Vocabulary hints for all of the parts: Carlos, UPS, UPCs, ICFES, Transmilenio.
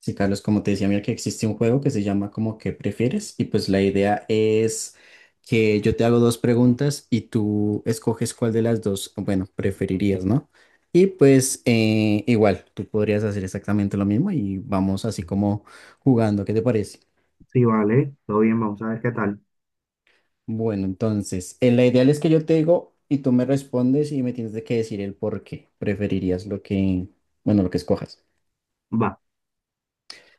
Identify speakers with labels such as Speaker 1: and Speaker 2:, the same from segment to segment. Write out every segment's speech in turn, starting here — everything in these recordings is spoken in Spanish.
Speaker 1: Sí, Carlos, como te decía, mira que existe un juego que se llama como que prefieres y pues la idea es que yo te hago dos preguntas y tú escoges cuál de las dos, bueno, preferirías, ¿no? Y pues igual, tú podrías hacer exactamente lo mismo y vamos así como jugando, ¿qué te parece?
Speaker 2: Sí, vale, todo bien, vamos a ver qué tal.
Speaker 1: Bueno, entonces, la ideal es que yo te digo y tú me respondes y me tienes de que decir el por qué preferirías lo que, bueno, lo que escojas.
Speaker 2: Va,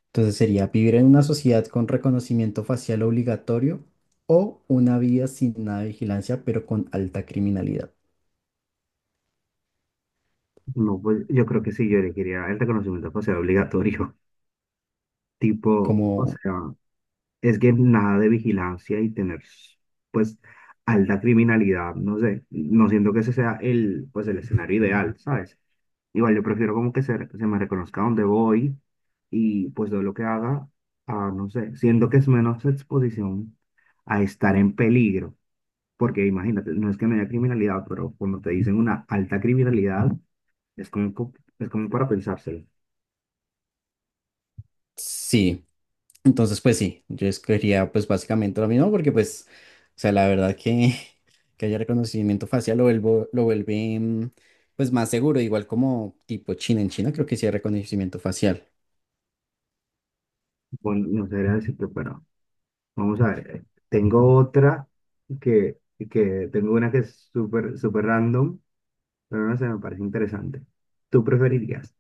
Speaker 1: Entonces sería vivir en una sociedad con reconocimiento facial obligatorio o una vida sin nada de vigilancia, pero con alta criminalidad.
Speaker 2: no, pues yo creo que sí, yo elegiría el reconocimiento facial obligatorio. Tipo, o
Speaker 1: Como,
Speaker 2: sea, es que nada de vigilancia y tener, pues, alta criminalidad, no sé, no siento que ese sea el escenario ideal, ¿sabes? Igual yo prefiero como que se me reconozca donde voy y pues todo lo que haga, no sé, siento que es menos exposición a estar en peligro. Porque imagínate, no es que no haya criminalidad, pero cuando te dicen una alta criminalidad, es es como para pensárselo.
Speaker 1: sí, entonces pues sí, yo escogería pues básicamente lo mismo porque pues, o sea, la verdad que, que haya reconocimiento facial lo vuelve pues más seguro, igual como tipo China, en China creo que sí hay reconocimiento facial.
Speaker 2: Bueno, no sabría decirte, pero vamos a ver. Tengo otra que, que tengo una que es súper random, pero no sé, me parece interesante. ¿Tú preferirías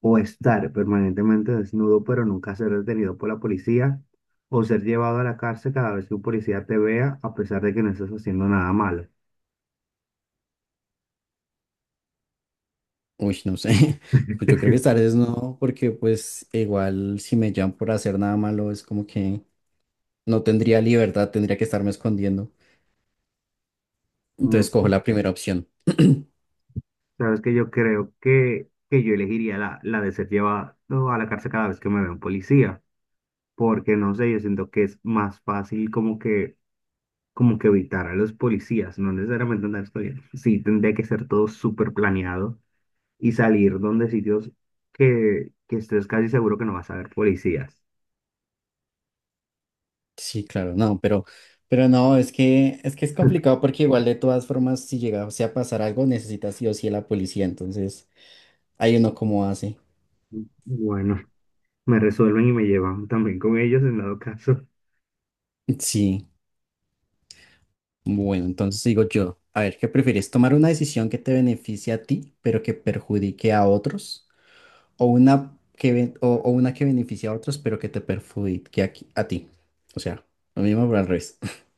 Speaker 2: o estar permanentemente desnudo, pero nunca ser detenido por la policía, o ser llevado a la cárcel cada vez que un policía te vea, a pesar de que no estás haciendo nada malo?
Speaker 1: Uy, no sé, pues yo creo que tal vez no, porque pues igual si me llaman por hacer nada malo es como que... No tendría libertad, tendría que estarme escondiendo. Entonces
Speaker 2: Mm,
Speaker 1: cojo la primera opción.
Speaker 2: sabes que yo creo que yo elegiría la de ser llevado a la cárcel cada vez que me vea un policía, porque no sé, yo siento que es más fácil como que evitar a los policías, no necesariamente andar estudiando. Sí, tendría que ser todo súper planeado y salir donde sitios que estés casi seguro que no vas a ver policías.
Speaker 1: Sí, claro, no, pero no, es que, es que es complicado porque igual de todas formas, si llegase a pasar algo, necesitas sí o sí a la policía. Entonces, ahí uno cómo hace.
Speaker 2: Bueno, me resuelven y me llevan también con ellos en dado caso.
Speaker 1: Sí, bueno, entonces digo yo, a ver, ¿qué prefieres? ¿Tomar una decisión que te beneficie a ti, pero que perjudique a otros? ¿O una que, o una que beneficie a otros, pero que te perjudique a, a ti? O sea, lo mismo, pero al revés.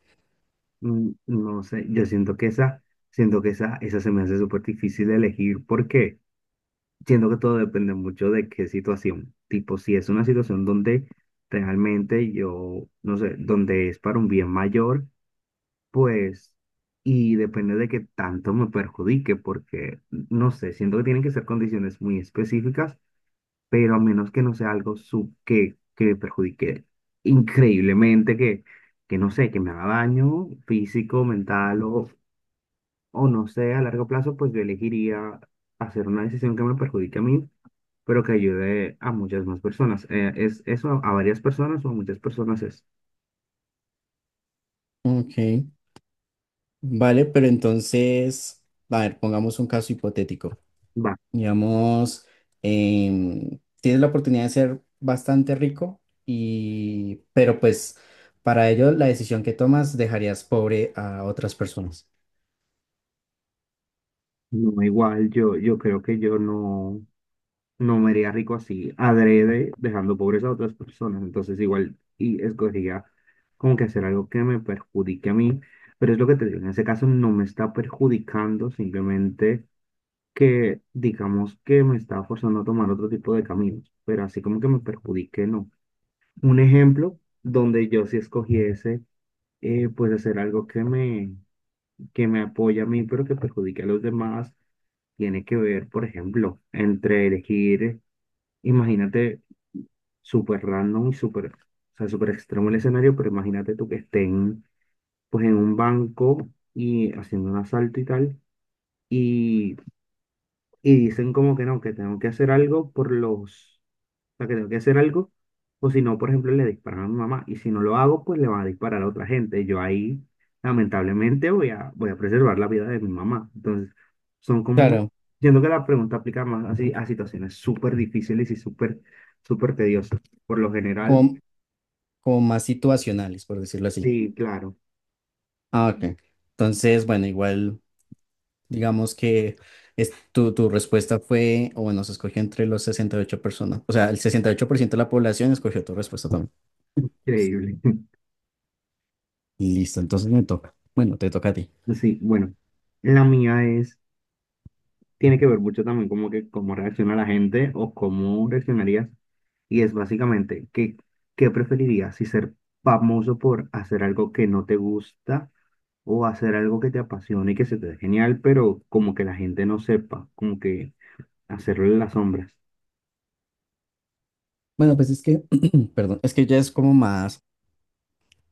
Speaker 2: Mm, no sé, yo siento que esa, siento que esa se me hace súper difícil de elegir porque siento que todo depende mucho de qué situación. Tipo, si es una situación donde realmente yo, no sé, donde es para un bien mayor, pues, y depende de qué tanto me perjudique, porque, no sé, siento que tienen que ser condiciones muy específicas, pero a menos que no sea algo que me perjudique increíblemente, que no sé, que me haga daño físico, mental o no sé, a largo plazo, pues yo elegiría hacer una decisión que me perjudique a mí pero que ayude a muchas más personas. ¿Es eso a varias personas o a muchas personas es?
Speaker 1: Ok. Vale, pero entonces, a ver, pongamos un caso hipotético.
Speaker 2: Va,
Speaker 1: Digamos, tienes la oportunidad de ser bastante rico y, pero pues para ello la decisión que tomas dejarías pobre a otras personas.
Speaker 2: no, igual yo creo que yo no, no me haría rico así, adrede, dejando pobres a otras personas. Entonces igual y escogería como que hacer algo que me perjudique a mí, pero es lo que te digo, en ese caso no me está perjudicando, simplemente que digamos que me está forzando a tomar otro tipo de caminos, pero así como que me perjudique, no. Un ejemplo donde yo si escogiese pues hacer algo que me apoya a mí, pero que perjudique a los demás, tiene que ver, por ejemplo, entre elegir, imagínate, súper random y súper, o sea, súper extremo el escenario, pero imagínate tú que estén, pues, en un banco y haciendo un asalto y tal, y, y dicen como que no, que tengo que hacer algo por los, o sea, que tengo que hacer algo. O si no, por ejemplo, le disparan a mi mamá. Y si no lo hago, pues le van a disparar a otra gente. Y yo ahí, lamentablemente, voy a preservar la vida de mi mamá. Entonces, son como,
Speaker 1: Claro,
Speaker 2: siento que la pregunta aplica más así a situaciones súper difíciles y súper, súper tediosas. Por lo general,
Speaker 1: como, como más situacionales, por decirlo así.
Speaker 2: sí, claro,
Speaker 1: Ah, ok. Entonces, bueno, igual, digamos que es, tu respuesta fue, o bueno, se escogió entre los 68 personas. O sea, el 68% de la población escogió tu respuesta también.
Speaker 2: increíble.
Speaker 1: Listo, entonces me toca. Bueno, te toca a ti.
Speaker 2: Sí, bueno, la mía es, tiene que ver mucho también como que cómo reacciona la gente o cómo reaccionarías. Y es básicamente, ¿qué, qué preferirías? Si ser famoso por hacer algo que no te gusta o hacer algo que te apasione y que se te dé genial, pero como que la gente no sepa, como que hacerlo en las sombras.
Speaker 1: Bueno, pues es que, perdón, es que ya es como más,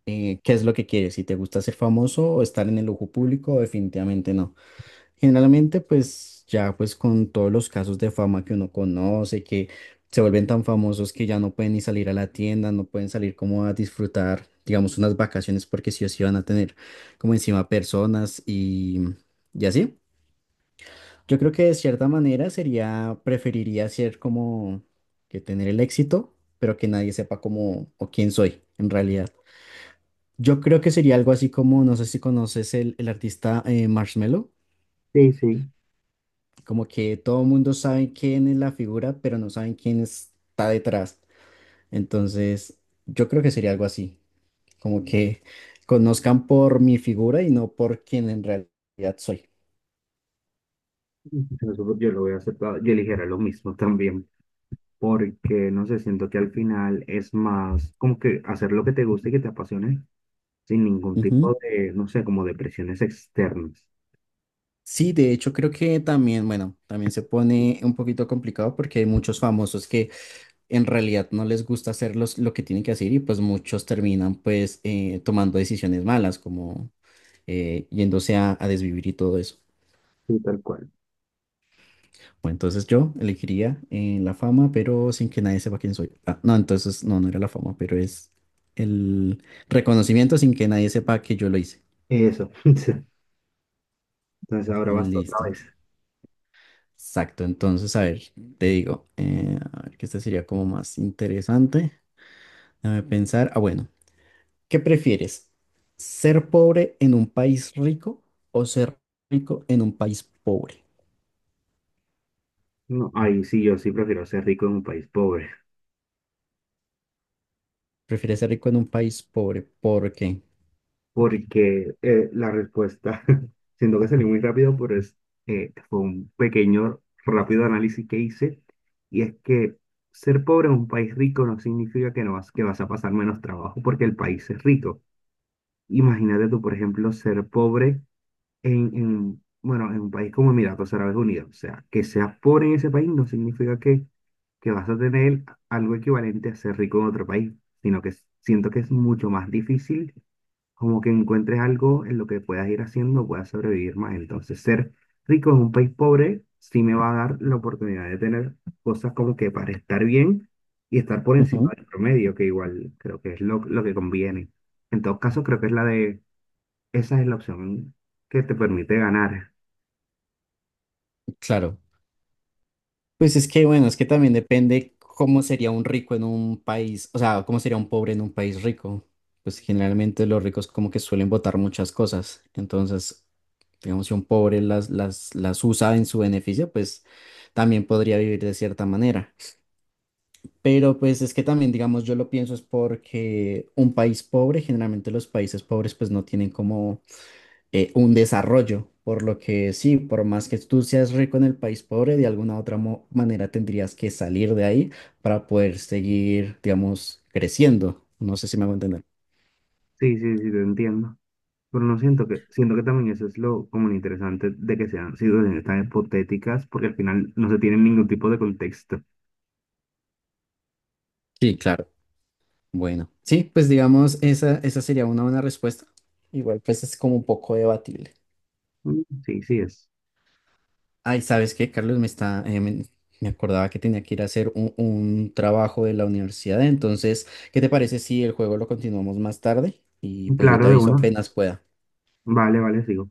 Speaker 1: ¿qué es lo que quieres? Si te gusta ser famoso o estar en el ojo público, definitivamente no. Generalmente, pues ya pues con todos los casos de fama que uno conoce, que se vuelven tan famosos que ya no pueden ni salir a la tienda, no pueden salir como a disfrutar, digamos, unas vacaciones porque sí o sí van a tener como encima personas y así. Yo creo que de cierta manera sería, preferiría ser como que tener el éxito, pero que nadie sepa cómo o quién soy en realidad. Yo creo que sería algo así como, no sé si conoces el artista Marshmello,
Speaker 2: Sí, sí,
Speaker 1: como que todo el mundo sabe quién es la figura, pero no saben quién está detrás. Entonces, yo creo que sería algo así, como que conozcan por mi figura y no por quién en realidad soy.
Speaker 2: eso yo lo voy a aceptar. Yo eligiera lo mismo también, porque no sé, siento que al final es más como que hacer lo que te guste y que te apasione sin ningún tipo de, no sé, como de presiones externas.
Speaker 1: Sí, de hecho creo que también, bueno, también se pone un poquito complicado porque hay muchos famosos que en realidad no les gusta hacer lo que tienen que hacer y pues muchos terminan pues tomando decisiones malas como yéndose a desvivir y todo eso.
Speaker 2: Sí, tal cual.
Speaker 1: Bueno, entonces yo elegiría la fama, pero sin que nadie sepa quién soy. Ah, no, entonces no, no era la fama, pero es el reconocimiento sin que nadie sepa que yo lo hice.
Speaker 2: Eso. Entonces ahora vas tú otra
Speaker 1: Listo.
Speaker 2: vez.
Speaker 1: Exacto, entonces, a ver, te digo, a ver que este sería como más interesante. Déjame pensar, ah, bueno, ¿qué prefieres? ¿Ser pobre en un país rico o ser rico en un país pobre?
Speaker 2: No, ahí sí, yo sí prefiero ser rico en un país pobre,
Speaker 1: ¿Prefieres ser rico en un país pobre? ¿Por qué?
Speaker 2: porque la respuesta, siento que salí muy rápido, pero es, fue un pequeño, rápido análisis que hice, y es que ser pobre en un país rico no significa que, no vas, que vas a pasar menos trabajo porque el país es rico. Imagínate tú, por ejemplo, ser pobre en, bueno, en un país como Emiratos Árabes Unidos. O sea, que seas pobre en ese país no significa que vas a tener algo equivalente a ser rico en otro país, sino que siento que es mucho más difícil como que encuentres algo en lo que puedas ir haciendo, puedas sobrevivir más. Entonces, ser rico en un país pobre sí me va a dar la oportunidad de tener cosas como que para estar bien y estar por encima
Speaker 1: Ujú.
Speaker 2: del promedio, que igual creo que es lo que conviene. En todo caso, creo que es la de, esa es la opción que te permite ganar.
Speaker 1: Claro, pues es que, bueno, es que también depende cómo sería un rico en un país, o sea, cómo sería un pobre en un país rico. Pues generalmente los ricos como que suelen votar muchas cosas. Entonces, digamos, si un pobre las usa en su beneficio, pues también podría vivir de cierta manera. Pero pues es que también, digamos, yo lo pienso es porque un país pobre, generalmente los países pobres pues no tienen como un desarrollo, por lo que sí, por más que tú seas rico en el país pobre, de alguna otra manera tendrías que salir de ahí para poder seguir, digamos, creciendo. No sé si me hago entender.
Speaker 2: Sí, sí, sí, te entiendo. Pero no siento que, siento que también eso es lo como lo interesante de que sean situaciones tan hipotéticas, porque al final no se tiene ningún tipo de contexto.
Speaker 1: Sí, claro. Bueno, sí, pues digamos, esa sería una buena respuesta. Igual, pues es como un poco debatible.
Speaker 2: Mm, sí, sí es.
Speaker 1: Ay, ¿sabes qué, Carlos? Me acordaba que tenía que ir a hacer un trabajo de la universidad. Entonces, ¿qué te parece si el juego lo continuamos más tarde? Y pues yo
Speaker 2: Claro,
Speaker 1: te
Speaker 2: de
Speaker 1: aviso
Speaker 2: uno.
Speaker 1: apenas pueda.
Speaker 2: Vale, vale, sigo.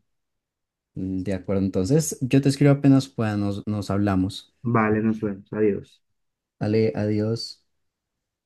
Speaker 1: De acuerdo, entonces yo te escribo apenas pueda, nos hablamos.
Speaker 2: Vale, nos vemos. Adiós.
Speaker 1: Ale, adiós.